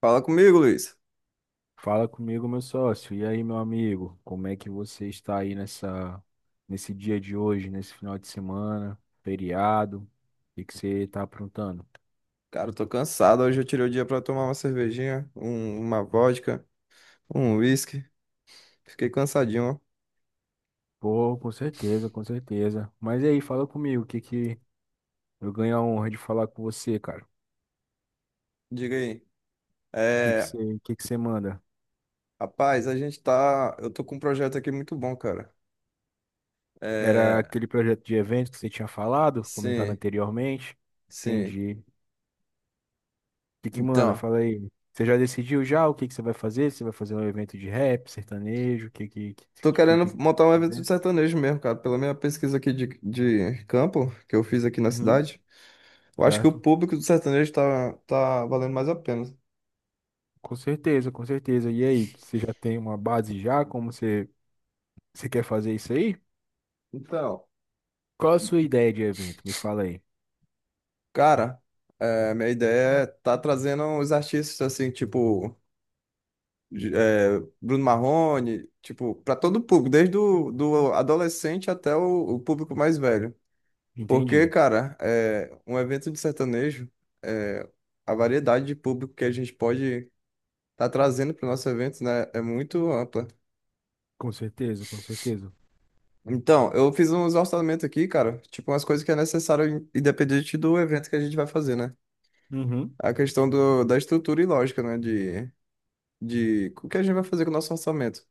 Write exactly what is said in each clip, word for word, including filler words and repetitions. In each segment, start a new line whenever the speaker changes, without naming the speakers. Fala comigo, Luiz.
Fala comigo, meu sócio. E aí, meu amigo? Como é que você está aí nessa nesse dia de hoje, nesse final de semana, feriado? O que que você está aprontando?
Cara, eu tô cansado. Hoje eu tirei o dia pra tomar uma cervejinha, um- uma vodka, um whisky. Fiquei cansadinho, ó.
Pô, com certeza, com certeza. Mas e aí, fala comigo, o que que eu ganho a honra de falar com você, cara?
Diga aí.
O que que
É,
você, o que que você manda?
rapaz, a gente tá. Eu tô com um projeto aqui muito bom, cara.
Era
É,
aquele projeto de evento que você tinha falado, comentado
sim,
anteriormente?
sim.
Entendi. que que manda?
Então,
Fala aí. Você já decidiu já o que que você vai fazer? Você vai fazer um evento de rap, sertanejo, o que que, que,
tô
que,
querendo
que- que-
montar um evento de
né?
sertanejo mesmo, cara. Pela minha pesquisa aqui de, de campo, que eu fiz aqui na
Uhum,
cidade, eu acho que o
certo?
público do sertanejo tá, tá valendo mais a pena.
Com certeza, com certeza. E aí, você já tem uma base já? Como você, você quer fazer isso aí?
Então.
Qual a sua ideia de evento? Me fala aí.
Cara, é, minha ideia é tá trazendo os artistas assim, tipo de- é, Bruno Marrone, tipo, para todo o público, desde o do adolescente até o, o público mais velho. Porque,
Entendi.
cara, é, um evento de sertanejo, é, a variedade de público que a gente pode tá trazendo pro nosso evento, né, é muito ampla.
Com certeza, com certeza.
Então, eu fiz uns orçamentos aqui, cara, tipo umas coisas que é necessário in- independente do evento que a gente vai fazer, né?
Uhum,
A questão do, da estrutura e lógica, né, de de o que a gente vai fazer com o nosso orçamento.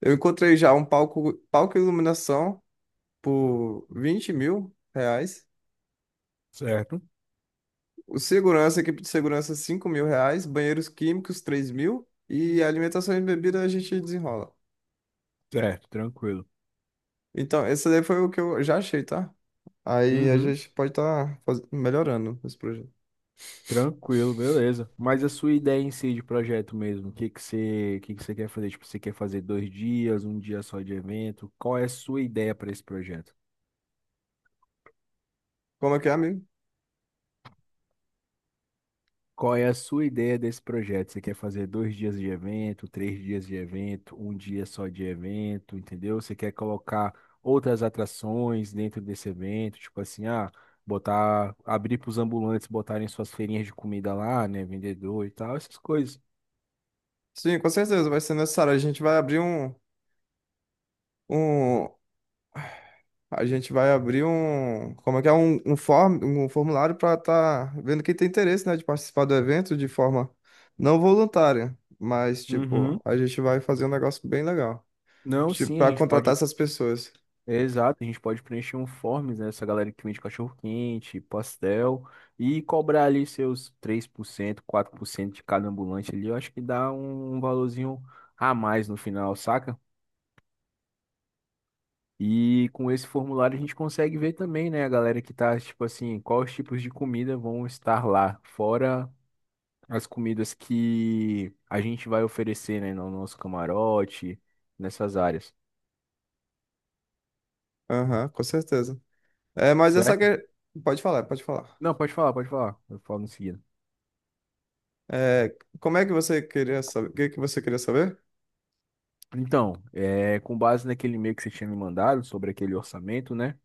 Eu encontrei já um palco, palco e iluminação por vinte mil reais.
certo,
O segurança, equipe de segurança, cinco mil reais. Banheiros químicos, três mil. E alimentação e bebida a gente desenrola.
certo, tranquilo.
Então, esse daí foi o que eu já achei, tá? Aí a
Uhum.
gente pode estar melhorando esse projeto.
Tranquilo, beleza. Mas a sua ideia em si de projeto mesmo, o que que você, o que que você quer fazer? Tipo, você quer fazer dois dias, um dia só de evento? Qual é a sua ideia para esse projeto?
Como é que é, amigo?
Qual é a sua ideia desse projeto? Você quer fazer dois dias de evento, três dias de evento, um dia só de evento, entendeu? Você quer colocar outras atrações dentro desse evento, tipo assim, ah, botar, abrir para os ambulantes botarem suas feirinhas de comida lá, né, vendedor e tal, essas coisas.
Sim, com certeza vai ser necessário. A gente vai abrir um, um, A gente vai abrir um, como é que é, um, um, form, um formulário para estar vendo quem tem interesse, né, de participar do evento de forma não voluntária, mas, tipo,
Uhum.
a gente vai fazer um negócio bem legal,
Não,
tipo,
sim, a
para
gente
contratar
pode.
essas pessoas.
Exato, a gente pode preencher um forms, né? Essa galera que vende cachorro-quente, pastel, e cobrar ali seus três por cento quatro por cento de cada ambulante ali, eu acho que dá um valorzinho a mais no final, saca? E com esse formulário a gente consegue ver também, né, a galera que tá, tipo assim, quais tipos de comida vão estar lá, fora as comidas que a gente vai oferecer, né, no nosso camarote, nessas áreas,
Aham, com certeza. É, mas essa
certo?
que... Pode falar, pode falar.
Não, pode falar, pode falar, eu falo em seguida.
É, como é que você queria saber? O que que você queria saber?
Então, é, com base naquele e-mail que você tinha me mandado sobre aquele orçamento, né?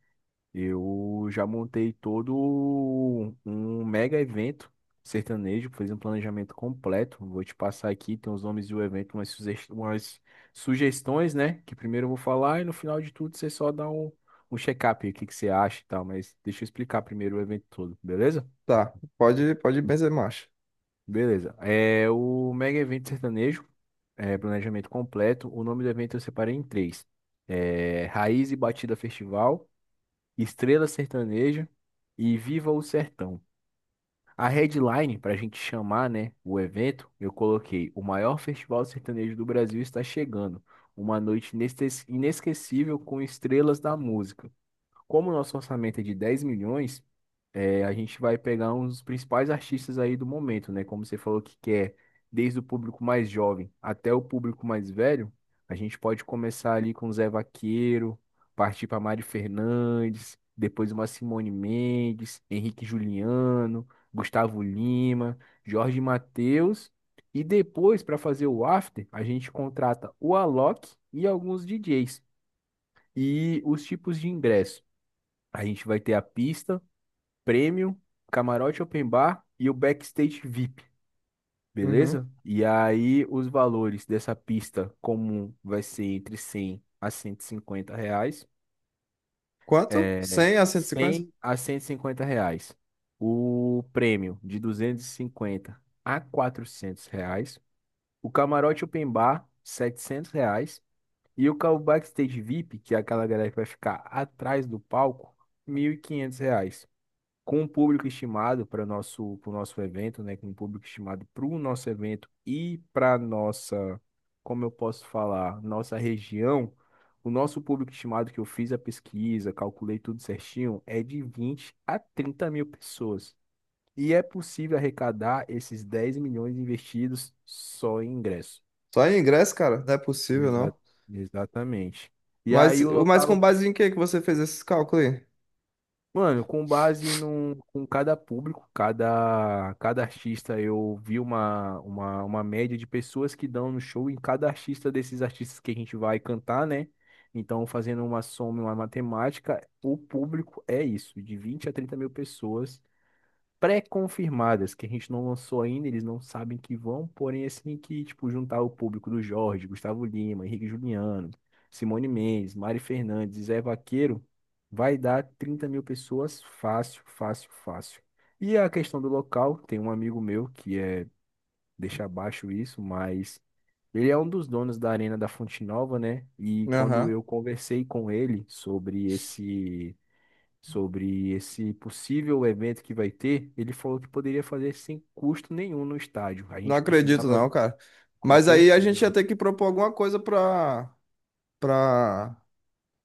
Eu já montei todo um um mega evento sertanejo, fiz um planejamento completo. Vou te passar aqui, tem os nomes do evento, umas, suges- umas sugestões, né? Que primeiro eu vou falar e no final de tudo você só dá um, um check-up, aí, o que que você acha e tal. Mas deixa eu explicar primeiro o evento todo, beleza?
Tá, pode, pode benzer marcha.
Beleza. É o Mega Evento Sertanejo, é, planejamento completo. O nome do evento eu separei em três: é, Raiz e Batida Festival, Estrela Sertaneja e Viva o Sertão. A headline, para a gente chamar, né, o evento, eu coloquei: o maior festival sertanejo do Brasil está chegando. Uma noite inestes- inesquecível com estrelas da música. Como o nosso orçamento é de dez milhões. É, a gente vai pegar uns principais artistas aí do momento, né? Como você falou que quer, desde o público mais jovem até o público mais velho, a gente pode começar ali com Zé Vaqueiro, partir para Mari Fernandes, depois uma Simone Mendes, Henrique Juliano, Gustavo Lima, Jorge Mateus, e depois para fazer o after, a gente contrata o Alok e alguns D Js. E os tipos de ingresso. A gente vai ter a pista Premium, Camarote Open Bar e o Backstage V I P,
Uhum.
beleza? E aí os valores dessa pista comum vai ser entre cem a cento e cinquenta reais.
Quanto?
É,
Cem a cento e cinquenta?
cem a cento e cinquenta reais. O prêmio de duzentos e cinquenta a quatrocentos reais. O camarote open bar, setecentos reais. E o ca- o backstage V I P, que é aquela galera que vai ficar atrás do palco, mil e quinhentos reais com um público estimado para o nosso, para o nosso evento, né? Com um público estimado para o nosso evento e para nossa, como eu posso falar, nossa região, o nosso público estimado que eu fiz a pesquisa, calculei tudo certinho, é de vinte a trinta mil pessoas. E é possível arrecadar esses dez milhões investidos só em ingresso.
Só em ingresso, cara? Não é possível,
Exa-
não.
Exatamente. E
Mas,
aí o
mas com
local
base em que que você fez esses cálculos aí?
Mano, com base num, com cada, público, cada, cada artista, eu vi uma, uma, uma média de pessoas que dão no show em cada artista desses artistas que a gente vai cantar, né? Então, fazendo uma soma, uma matemática, o público é isso, de vinte a trinta mil pessoas pré-confirmadas, que a gente não lançou ainda, eles não sabem que vão, porém, assim, que, tipo, juntar o público do Jorge, Gustavo Lima, Henrique Juliano, Simone Mendes, Mari Fernandes e Zé Vaqueiro, vai dar trinta mil pessoas fácil, fácil, fácil. E a questão do local, tem um amigo meu que é, deixa abaixo isso, mas ele é um dos donos da Arena da Fonte Nova, né? E quando
Aham.
eu conversei com ele sobre esse sobre esse possível evento que vai ter, ele falou que poderia fazer sem custo nenhum no estádio. A
Não
gente
acredito,
precisava,
não, cara.
com
Mas aí a gente ia
certeza.
ter que propor alguma coisa pra pra,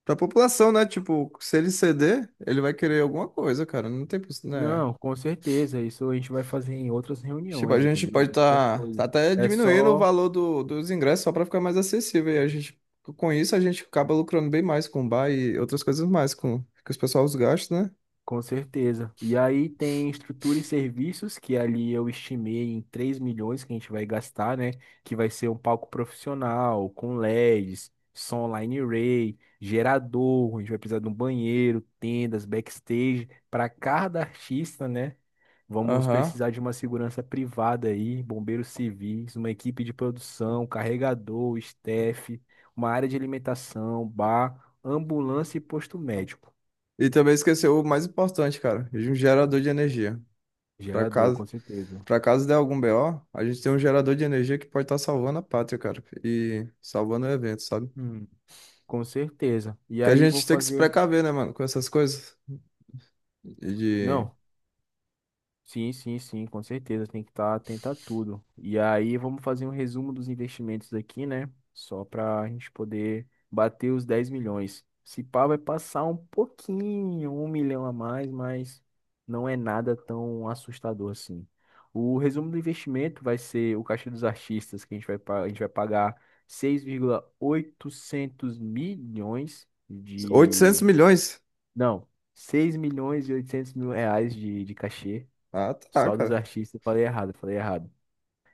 pra população, né? Tipo, se ele ceder, ele vai querer alguma coisa, cara. Não tem, poss- né?
Não, com certeza. Isso a gente vai fazer em outras
Tipo, a
reuniões,
gente
entendeu?
pode
Em outras
estar
coisas.
até
É
diminuindo o
só
valor do, dos ingressos só pra ficar mais acessível. E a gente, com isso, a gente acaba lucrando bem mais com o bar e outras coisas mais com que os pessoal os gastos né?
Com certeza. E aí tem estrutura e serviços, que ali eu estimei em três milhões que a gente vai gastar, né? Que vai ser um palco profissional, com LEDs, som line array, gerador, a gente vai precisar de um banheiro, tendas, backstage. Para cada artista, né? Vamos
Aham.
precisar de uma segurança privada aí, bombeiros civis, uma equipe de produção, carregador, staff, uma área de alimentação, bar, ambulância e posto médico.
E também esqueceu o mais importante, cara, de um gerador de energia. Pra
Gerador,
caso,
com certeza.
pra caso der algum B O, a gente tem um gerador de energia que pode estar salvando a pátria, cara, e salvando o evento, sabe?
Hum, com certeza. E
Que a
aí vou
gente tem que se
fazer.
precaver, né, mano, com essas coisas. De
Não, sim, sim, sim, com certeza. Tem que estar atento a tudo. E aí vamos fazer um resumo dos investimentos aqui, né? Só para a gente poder bater os dez milhões. Se pá, vai passar um pouquinho, um milhão a mais, mas não é nada tão assustador assim. O resumo do investimento vai ser o caixa dos artistas, que a gente vai, pa- a gente vai pagar seis vírgula oitocentos milhões.
oitocentos milhões.
Não, seis milhões e oitocentos mil reais de, de cachê
Ah, tá,
só dos
cara.
artistas. Eu Falei errado, eu falei errado.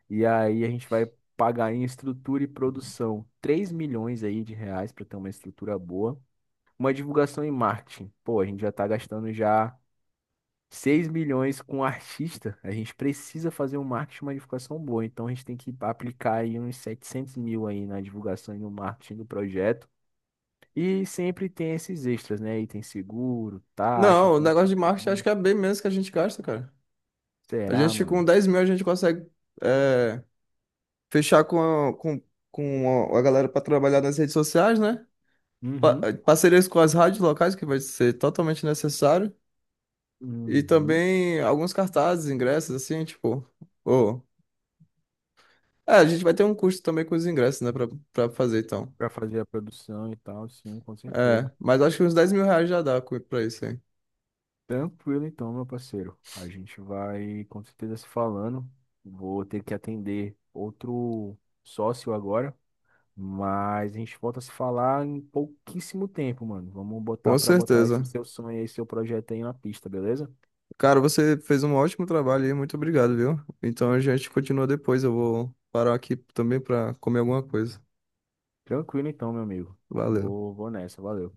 E aí a gente vai pagar em estrutura e produção três milhões aí de reais para ter uma estrutura boa. Uma divulgação em marketing. Pô, a gente já tá gastando já seis milhões com artista. A gente precisa fazer um marketing, uma divulgação boa. Então a gente tem que aplicar aí uns setecentos mil aí na divulgação e no marketing do projeto. E sempre tem esses extras, né? Aí tem seguro, taxa,
Não, o
tem umas
negócio de marketing acho que é bem menos que a gente gasta, cara. A
Será,
gente com
mano?
dez mil a gente consegue é, fechar com, a- com, com a a galera pra trabalhar nas redes sociais, né? Pa- eh,
Uhum.
Parcerias com as rádios locais, que vai ser totalmente necessário. E
Uhum.
também alguns cartazes, ingressos, assim, tipo. Ô. É, a gente vai ter um custo também com os ingressos, né, pra, pra fazer, então.
Pra fazer a produção e tal, sim, com
É,
certeza.
mas acho que uns dez mil reais já dá co- pra isso aí.
Tranquilo então, meu parceiro. A gente vai com certeza se falando. Vou ter que atender outro sócio agora, mas a gente volta a se falar em pouquíssimo tempo, mano. Vamos botar
Com
pra botar esse
certeza.
seu sonho, aí, esse seu projeto aí na pista, beleza?
Cara, você fez um ótimo trabalho aí, muito obrigado, viu? Então a gente continua depois. Eu vou parar aqui também pra comer alguma coisa.
Tranquilo então, meu amigo.
Valeu.
Vou, vou nessa, valeu.